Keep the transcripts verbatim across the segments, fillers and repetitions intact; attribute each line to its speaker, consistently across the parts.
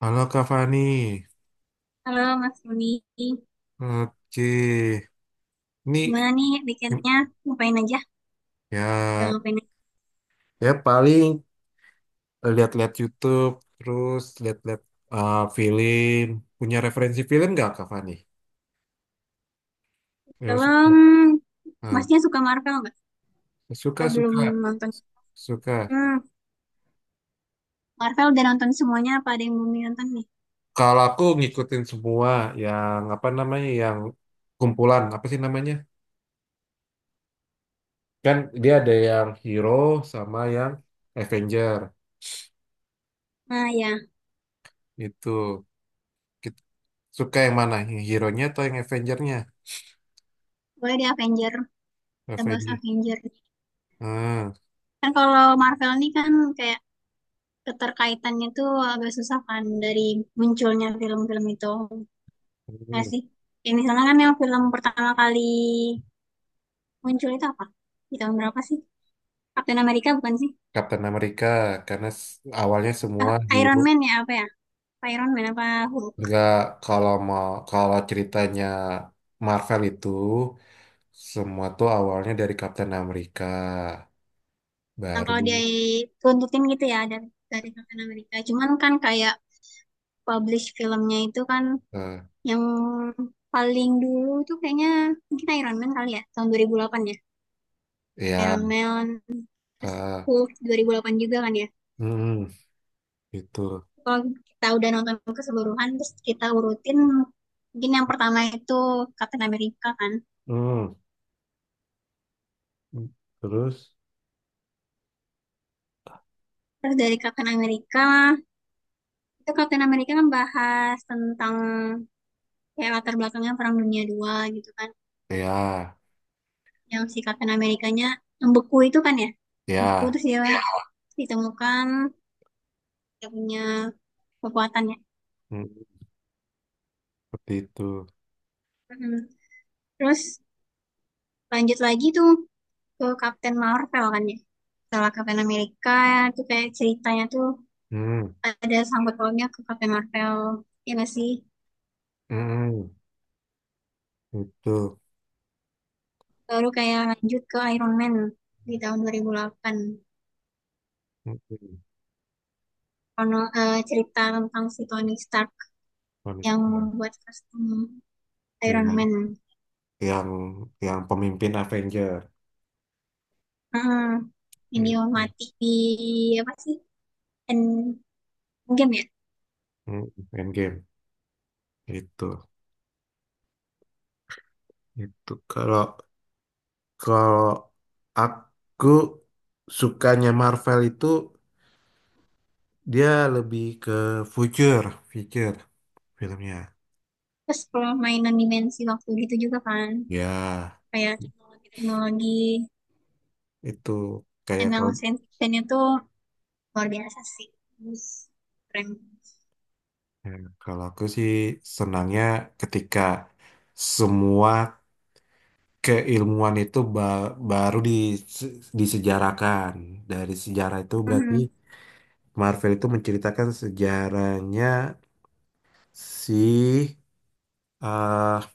Speaker 1: Halo Kak Fani,
Speaker 2: Halo Mas Roni,
Speaker 1: oke. Ini,
Speaker 2: gimana nih weekendnya? Ngapain aja? Udah
Speaker 1: ya,
Speaker 2: ngapain aja?
Speaker 1: ya paling lihat-lihat YouTube, terus lihat-lihat uh, film. Punya referensi film nggak Kak Fani? Ya, suka.
Speaker 2: Film,
Speaker 1: Ah,
Speaker 2: Masnya suka Marvel nggak? Atau
Speaker 1: suka,
Speaker 2: belum
Speaker 1: suka,
Speaker 2: nonton?
Speaker 1: suka.
Speaker 2: Hmm, Marvel udah nonton semuanya, apa ada yang belum nonton nih?
Speaker 1: Kalau aku ngikutin semua yang apa namanya, yang kumpulan apa sih namanya? Kan dia ada yang hero sama yang Avenger
Speaker 2: Nah ya,
Speaker 1: itu. Kita- Suka yang mana? Yang hero-nya atau yang Avenger-nya?
Speaker 2: boleh di Avenger, kita bahas
Speaker 1: Avenger.
Speaker 2: Avenger.
Speaker 1: Hmm,
Speaker 2: Kan kalau Marvel nih kan kayak keterkaitannya tuh agak susah kan dari munculnya film-film itu. Nggak
Speaker 1: hmm.
Speaker 2: sih? Ya misalnya kan yang film pertama kali muncul itu apa? Di tahun berapa sih? Captain America bukan sih?
Speaker 1: Kapten Amerika, karena s- awalnya
Speaker 2: Ah,
Speaker 1: semua
Speaker 2: Iron
Speaker 1: hero
Speaker 2: Man ya apa ya? Iron Man apa Hulk.
Speaker 1: nggak, kalau mau kalau ceritanya Marvel itu semua tuh awalnya dari Kapten Amerika,
Speaker 2: Nah,
Speaker 1: baru
Speaker 2: kalau dia tuntutin gitu ya dari, dari Captain America. Cuman kan kayak publish filmnya itu kan
Speaker 1: eh,
Speaker 2: yang paling dulu tuh kayaknya mungkin Iron Man kali ya, tahun dua ribu delapan ya.
Speaker 1: ya,
Speaker 2: Iron Man, terus
Speaker 1: eh,
Speaker 2: Hulk dua ribu delapan juga kan ya.
Speaker 1: hmm, gitu.
Speaker 2: Kalau kita udah nonton keseluruhan, terus kita urutin mungkin yang pertama itu Captain America kan.
Speaker 1: Hmm. Terus,
Speaker 2: Terus dari Captain America, itu Captain America kan bahas tentang kayak latar belakangnya Perang Dunia dua gitu kan.
Speaker 1: ya,
Speaker 2: Yang si Captain Amerikanya yang beku itu kan ya, beku
Speaker 1: ya,
Speaker 2: terus dia ditemukan, dia punya kekuatan ya.
Speaker 1: hmm, seperti itu.
Speaker 2: Mm, terus lanjut lagi tuh ke Captain Marvel kan ya, setelah Captain Amerika tuh kayak ceritanya tuh
Speaker 1: Hmm,
Speaker 2: ada sangkut pautnya ke Captain Marvel ya masih. sih
Speaker 1: hmm. Itu.
Speaker 2: baru kayak lanjut ke Iron Man di tahun dua ribu delapan.
Speaker 1: Hmm.
Speaker 2: Kono, eh, cerita tentang si Tony Stark yang
Speaker 1: Manusia.
Speaker 2: membuat kostum Iron
Speaker 1: yang
Speaker 2: Man.
Speaker 1: yang yang pemimpin Avenger.
Speaker 2: Mm, ini
Speaker 1: Mm,
Speaker 2: mati di apa sih, dan game ya,
Speaker 1: mm, main game itu. Itu kalau, kalau aku, sukanya Marvel itu dia lebih ke future, future filmnya.
Speaker 2: terus permainan dimensi waktu gitu juga kan,
Speaker 1: Ya,
Speaker 2: kayak teknologi-teknologi,
Speaker 1: itu kayak
Speaker 2: emang
Speaker 1: kalau,
Speaker 2: science fictionnya tuh luar biasa sih, terus keren.
Speaker 1: ya, kalau aku sih senangnya ketika semua keilmuan itu ba- baru dise- disejarakan dari sejarah. Itu berarti
Speaker 2: Mhm.
Speaker 1: Marvel itu menceritakan sejarahnya si, eh,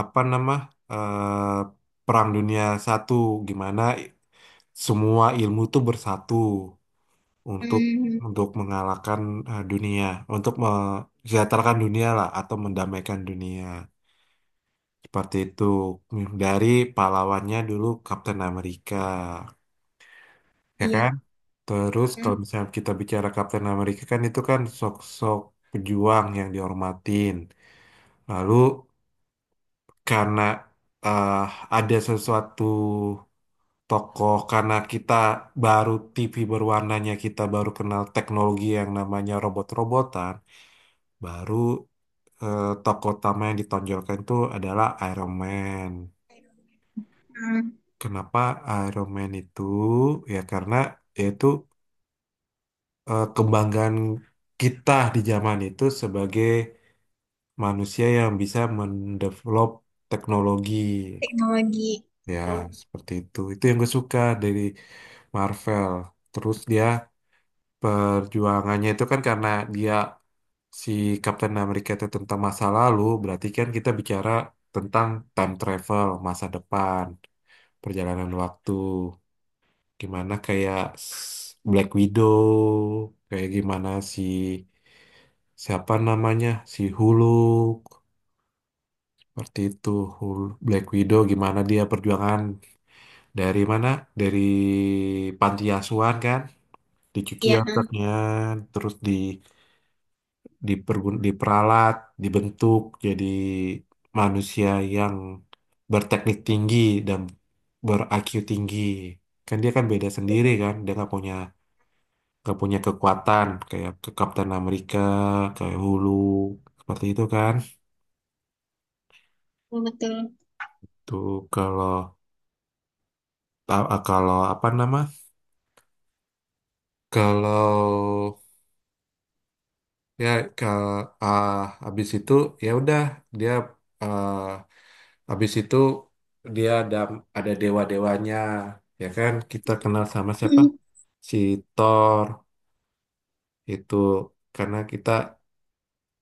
Speaker 1: apa nama, eh, Perang Dunia Satu, gimana i- semua ilmu tuh bersatu untuk
Speaker 2: Mhm.
Speaker 1: untuk mengalahkan eh, dunia, untuk mensejahterakan dunia lah, atau mendamaikan dunia, seperti itu, dari pahlawannya dulu Kapten Amerika, ya kan?
Speaker 2: Iya.
Speaker 1: Terus kalau
Speaker 2: Mhm.
Speaker 1: misalnya kita bicara Kapten Amerika, kan itu kan sok-sok pejuang yang dihormatin, lalu karena eh, ada sesuatu tokoh, karena kita baru T V berwarnanya, kita baru kenal teknologi yang namanya robot-robotan, baru eh, tokoh utama yang ditonjolkan itu adalah Iron Man.
Speaker 2: Mhm.
Speaker 1: Kenapa Iron Man itu? Ya karena yaitu, eh, kebanggaan kita di zaman itu sebagai manusia yang bisa mendevelop teknologi.
Speaker 2: Teknologi,
Speaker 1: Ya,
Speaker 2: betul.
Speaker 1: seperti itu. Itu yang gue suka dari Marvel. Terus dia perjuangannya itu kan karena dia, si Captain America itu tentang masa lalu. Berarti kan kita bicara tentang time travel, masa depan, perjalanan waktu. Gimana kayak s- Black Widow, kayak gimana, si, siapa namanya? Si Hulk. Seperti itu. Hulk, Black Widow, gimana dia perjuangan dari mana? Dari panti asuhan kan, dicuci
Speaker 2: Iya ha.
Speaker 1: otaknya, terus di, dipergun- diperalat, dibentuk jadi manusia yang berteknik tinggi dan ber-I Q tinggi. Kan dia kan beda sendiri kan, dia nggak punya, nggak punya kekuatan kayak ke Kapten Amerika, kayak Hulu, seperti itu kan.
Speaker 2: Betul, betul.
Speaker 1: Tuh, kalau, ta- kalau apa nama? Kalau, ya, ke, ah, habis itu ya udah, dia, ah, habis itu dia ada ada dewa-dewanya. Ya kan kita kenal sama siapa,
Speaker 2: Mhm.
Speaker 1: si Thor itu, karena kita,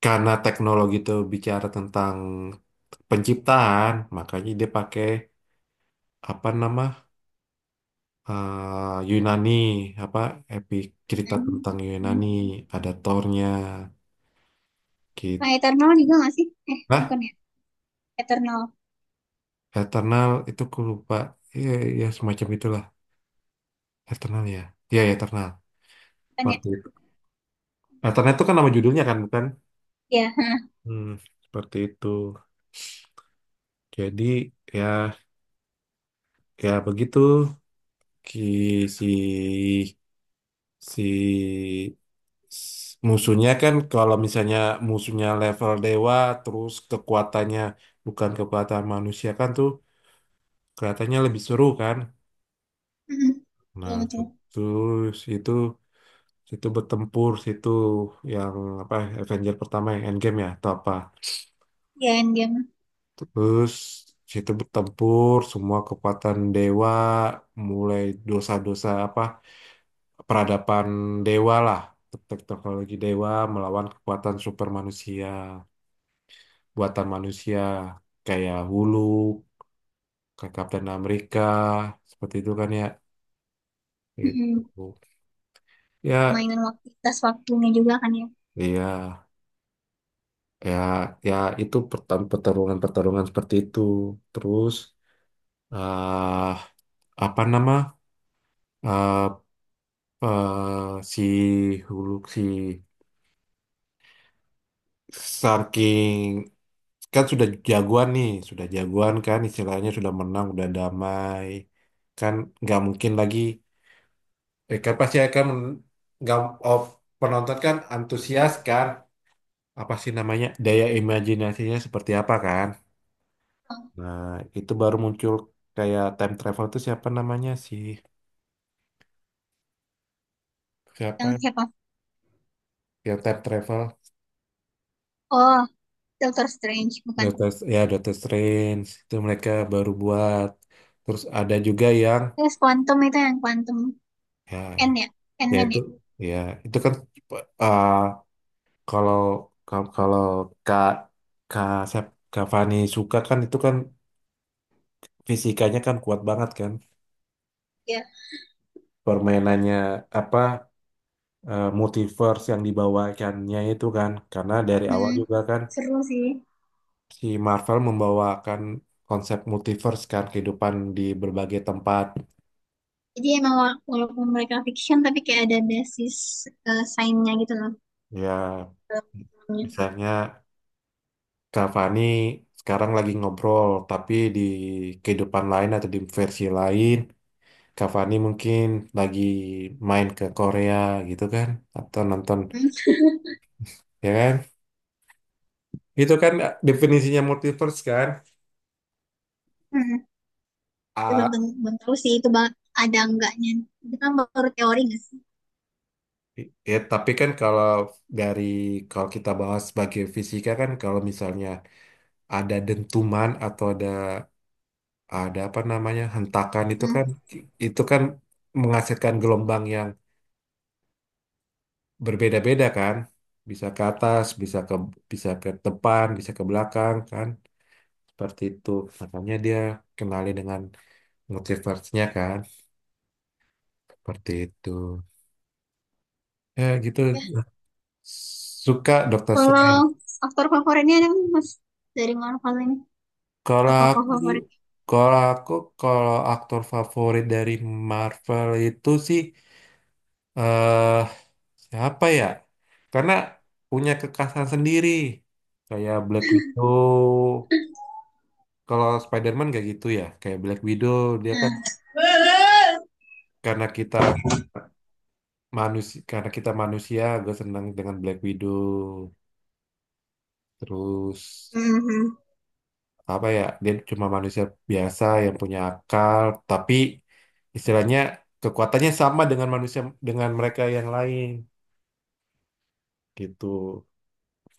Speaker 1: karena teknologi itu bicara tentang penciptaan, makanya dia pakai apa nama, ah, Yunani, apa, epic, cerita
Speaker 2: Dan,
Speaker 1: tentang Yunani,
Speaker 2: mhm.
Speaker 1: ada Thornya gitu.
Speaker 2: Nah, Eternal juga nggak sih, eh
Speaker 1: Nah,
Speaker 2: bukan ya, Eternal
Speaker 1: Eternal itu aku lupa. Iya, ya semacam itulah. Eternal ya. Iya, ya, Eternal.
Speaker 2: bukan ya.
Speaker 1: Seperti itu. Eternal itu kan nama judulnya kan, bukan?
Speaker 2: Iya ha.
Speaker 1: Hmm, seperti itu. Jadi, ya, ya begitu. Ki, si, si, s- musuhnya, kan kalau misalnya musuhnya level dewa, terus kekuatannya bukan kekuatan manusia kan tuh, kelihatannya lebih seru kan?
Speaker 2: Mhm.
Speaker 1: Nah,
Speaker 2: Betul, betul.
Speaker 1: situ, situ, situ bertempur, situ yang apa, Avenger pertama yang Endgame ya atau apa?
Speaker 2: Iya, Endgame.
Speaker 1: Terus situ bertempur semua kekuatan dewa, mulai dosa-dosa apa, peradaban dewa lah, tek- teknologi dewa melawan kekuatan super manusia buatan manusia kayak Hulu, kayak Kapten Amerika, seperti itu kan ya.
Speaker 2: Mhm,
Speaker 1: Itu ya,
Speaker 2: permainan waktu tas waktunya juga kan ya.
Speaker 1: iya, ya, ya itu pertan- pertarungan-pertarungan seperti itu. Terus eh apa nama, eh, eh si Hulu, si Star King kan sudah jagoan nih, sudah jagoan kan, istilahnya sudah menang, udah damai. Kan nggak mungkin lagi, eh, kan pasti akan men- nggak, oh, penonton kan antusias kan, apa sih namanya, daya imajinasinya seperti apa kan. Nah, itu baru muncul kayak time travel itu siapa namanya sih? Siapa
Speaker 2: Yang
Speaker 1: ya?
Speaker 2: siapa?
Speaker 1: Yang time travel?
Speaker 2: Oh, Doctor Strange bukan.
Speaker 1: Doctor, ya Doctor Strange itu mereka baru buat. Terus ada juga yang,
Speaker 2: Terus Quantum itu, yang Quantum
Speaker 1: ya,
Speaker 2: N ya,
Speaker 1: ya
Speaker 2: Ant-Man
Speaker 1: itu,
Speaker 2: ya.
Speaker 1: ya itu kan, uh, kalau kalau kalau Kak, Kak siap- Kak Fani suka kan itu kan, fisikanya kan kuat banget kan,
Speaker 2: Ya.
Speaker 1: permainannya apa, uh, multiverse yang dibawakannya itu kan, karena dari awal
Speaker 2: Hmm,
Speaker 1: juga kan
Speaker 2: seru sih.
Speaker 1: si Marvel membawakan konsep multiverse kan, kehidupan di berbagai tempat.
Speaker 2: Jadi emang wala- walaupun mereka fiction tapi kayak ada basis, eh, sainsnya gitu loh.
Speaker 1: Ya
Speaker 2: Dalam filmnya.
Speaker 1: misalnya Kak Fani sekarang lagi ngobrol, tapi di kehidupan lain atau di versi lain, Kak Fani mungkin lagi main ke Korea gitu kan, atau nonton,
Speaker 2: Hmm.
Speaker 1: ya kan? Itu kan eh, definisinya multiverse kan?
Speaker 2: Hmm. Tapi Belum,
Speaker 1: Ah,
Speaker 2: tentu- belum tahu sih itu ba- ada enggaknya. Itu kan baru teori nggak sih?
Speaker 1: ya, tapi kan kalau dari, kalau kita bahas sebagai fisika kan, kalau misalnya ada dentuman atau ada, ada apa namanya, hentakan itu
Speaker 2: Hmm.
Speaker 1: kan, itu kan menghasilkan gelombang yang berbeda-beda kan, bisa ke atas, bisa ke, bisa ke depan bisa ke belakang kan, seperti itu makanya dia kenali dengan multiverse-nya kan, seperti itu, ya gitu.
Speaker 2: Ya,
Speaker 1: Suka Dokter
Speaker 2: kalau
Speaker 1: Strange.
Speaker 2: aktor favoritnya ada nggak mas, dari Marvel ini,
Speaker 1: kalau
Speaker 2: atau tokoh
Speaker 1: aku
Speaker 2: favorit?
Speaker 1: kalau aku kalau aktor favorit dari Marvel itu sih, eh siapa ya, karena punya kekhasan sendiri kayak Black Widow. Kalau Spider-Man kayak gitu ya, kayak Black Widow, dia kan,
Speaker 2: Nah.
Speaker 1: karena kita manusia, karena kita manusia gue senang dengan Black Widow. Terus
Speaker 2: Mhm.
Speaker 1: apa ya, dia cuma manusia biasa yang punya akal, tapi istilahnya kekuatannya sama dengan manusia dengan mereka yang lain gitu.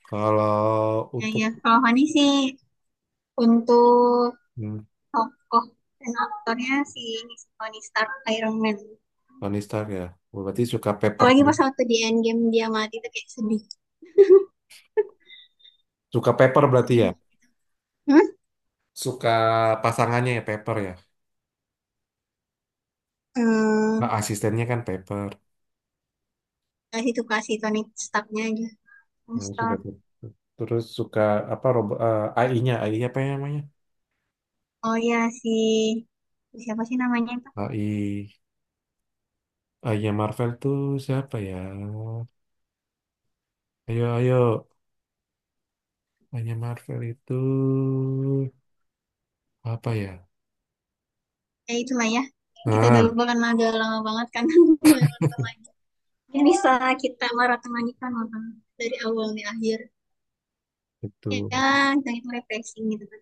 Speaker 1: Kalau
Speaker 2: Ya,
Speaker 1: untuk,
Speaker 2: ya. Kalau Fani sih untuk
Speaker 1: hmm,
Speaker 2: tokoh dan aktornya si Tony Stark Iron Man.
Speaker 1: Tony Stark ya, berarti suka Pepper,
Speaker 2: Apalagi pas waktu di Endgame dia mati tuh kayak sedih.
Speaker 1: suka Pepper
Speaker 2: Kayak
Speaker 1: berarti
Speaker 2: sedih
Speaker 1: ya,
Speaker 2: banget gitu. Hmm?
Speaker 1: suka pasangannya ya Pepper ya, nah
Speaker 2: Hmm,
Speaker 1: asistennya kan Pepper.
Speaker 2: kasih tuh, kasih Tony Starknya aja. Tony
Speaker 1: Hmm, sudah
Speaker 2: Stark.
Speaker 1: tuh. Terus suka apa, robo- eh, A I-nya, AI apa yang namanya?
Speaker 2: Oh ya, si siapa sih namanya itu?
Speaker 1: AI, A I-nya Marvel tuh siapa ya? Ayo, ayo, A I-nya Marvel itu apa ya?
Speaker 2: Ya itulah ya. Kita udah
Speaker 1: Nah,
Speaker 2: lupa kan, agak lama banget kan. Udah nonton lagi. Ini bisa kita maratonkan nonton dari awal nih akhir.
Speaker 1: itu.
Speaker 2: Ya, kita itu refreshing gitu kan.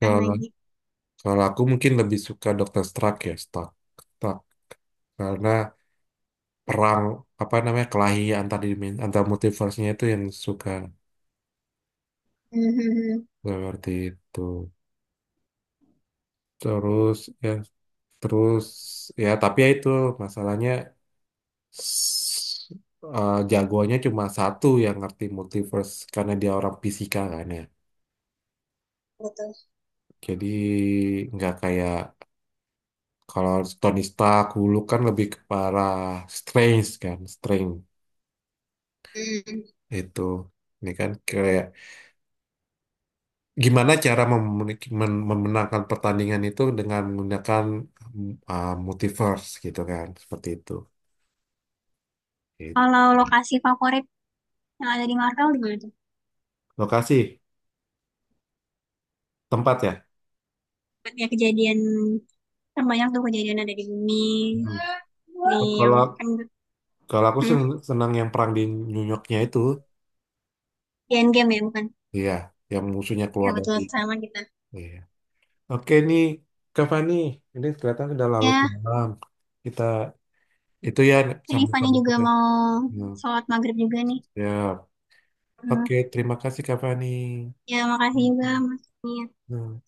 Speaker 2: Kan
Speaker 1: Kalau,
Speaker 2: lagi.
Speaker 1: kalau aku mungkin lebih suka doktor Stark ya, Stark. Stark. Karena perang apa namanya, kelahi antar, dimen- antar multiverse-nya itu yang suka,
Speaker 2: Mhm.
Speaker 1: seperti itu. Terus ya, terus ya tapi ya itu masalahnya, s- eh, jagoannya cuma satu yang ngerti multiverse karena dia orang fisika kan ya.
Speaker 2: Betul.
Speaker 1: Jadi nggak kayak kalau Tony Stark dulu kan lebih ke parah strange kan, strange
Speaker 2: Hmm.
Speaker 1: itu. Ini kan kayak gimana cara memen- men- memenangkan pertandingan itu dengan menggunakan, mm, ah, multiverse gitu kan, seperti itu. Gitu.
Speaker 2: Kalau lokasi favorit yang ada di Marvel gimana tuh?
Speaker 1: Lokasi, tempat ya.
Speaker 2: Ya kejadian kan banyak tuh, kejadian ada di bumi,
Speaker 1: Hmm.
Speaker 2: di yang
Speaker 1: Kalau,
Speaker 2: kan,
Speaker 1: kalau aku
Speaker 2: hmm,
Speaker 1: sen- senang yang perang di New Yorknya itu.
Speaker 2: di Endgame ya bukan?
Speaker 1: Iya, yang musuhnya
Speaker 2: Ya
Speaker 1: keluar
Speaker 2: betul,
Speaker 1: dari.
Speaker 2: sama kita.
Speaker 1: Iya. Oke nih, Kak Fani, ini kelihatan sudah larut
Speaker 2: Ya,
Speaker 1: malam. Kita itu ya
Speaker 2: ini Fani
Speaker 1: sambung-sambung
Speaker 2: juga
Speaker 1: kita.
Speaker 2: mau
Speaker 1: Hmm,
Speaker 2: sholat maghrib juga nih.
Speaker 1: siap.
Speaker 2: Hmm.
Speaker 1: Oke, terima kasih Kak Fani.
Speaker 2: Ya makasih juga Mas. Fani. ya.
Speaker 1: Hmm.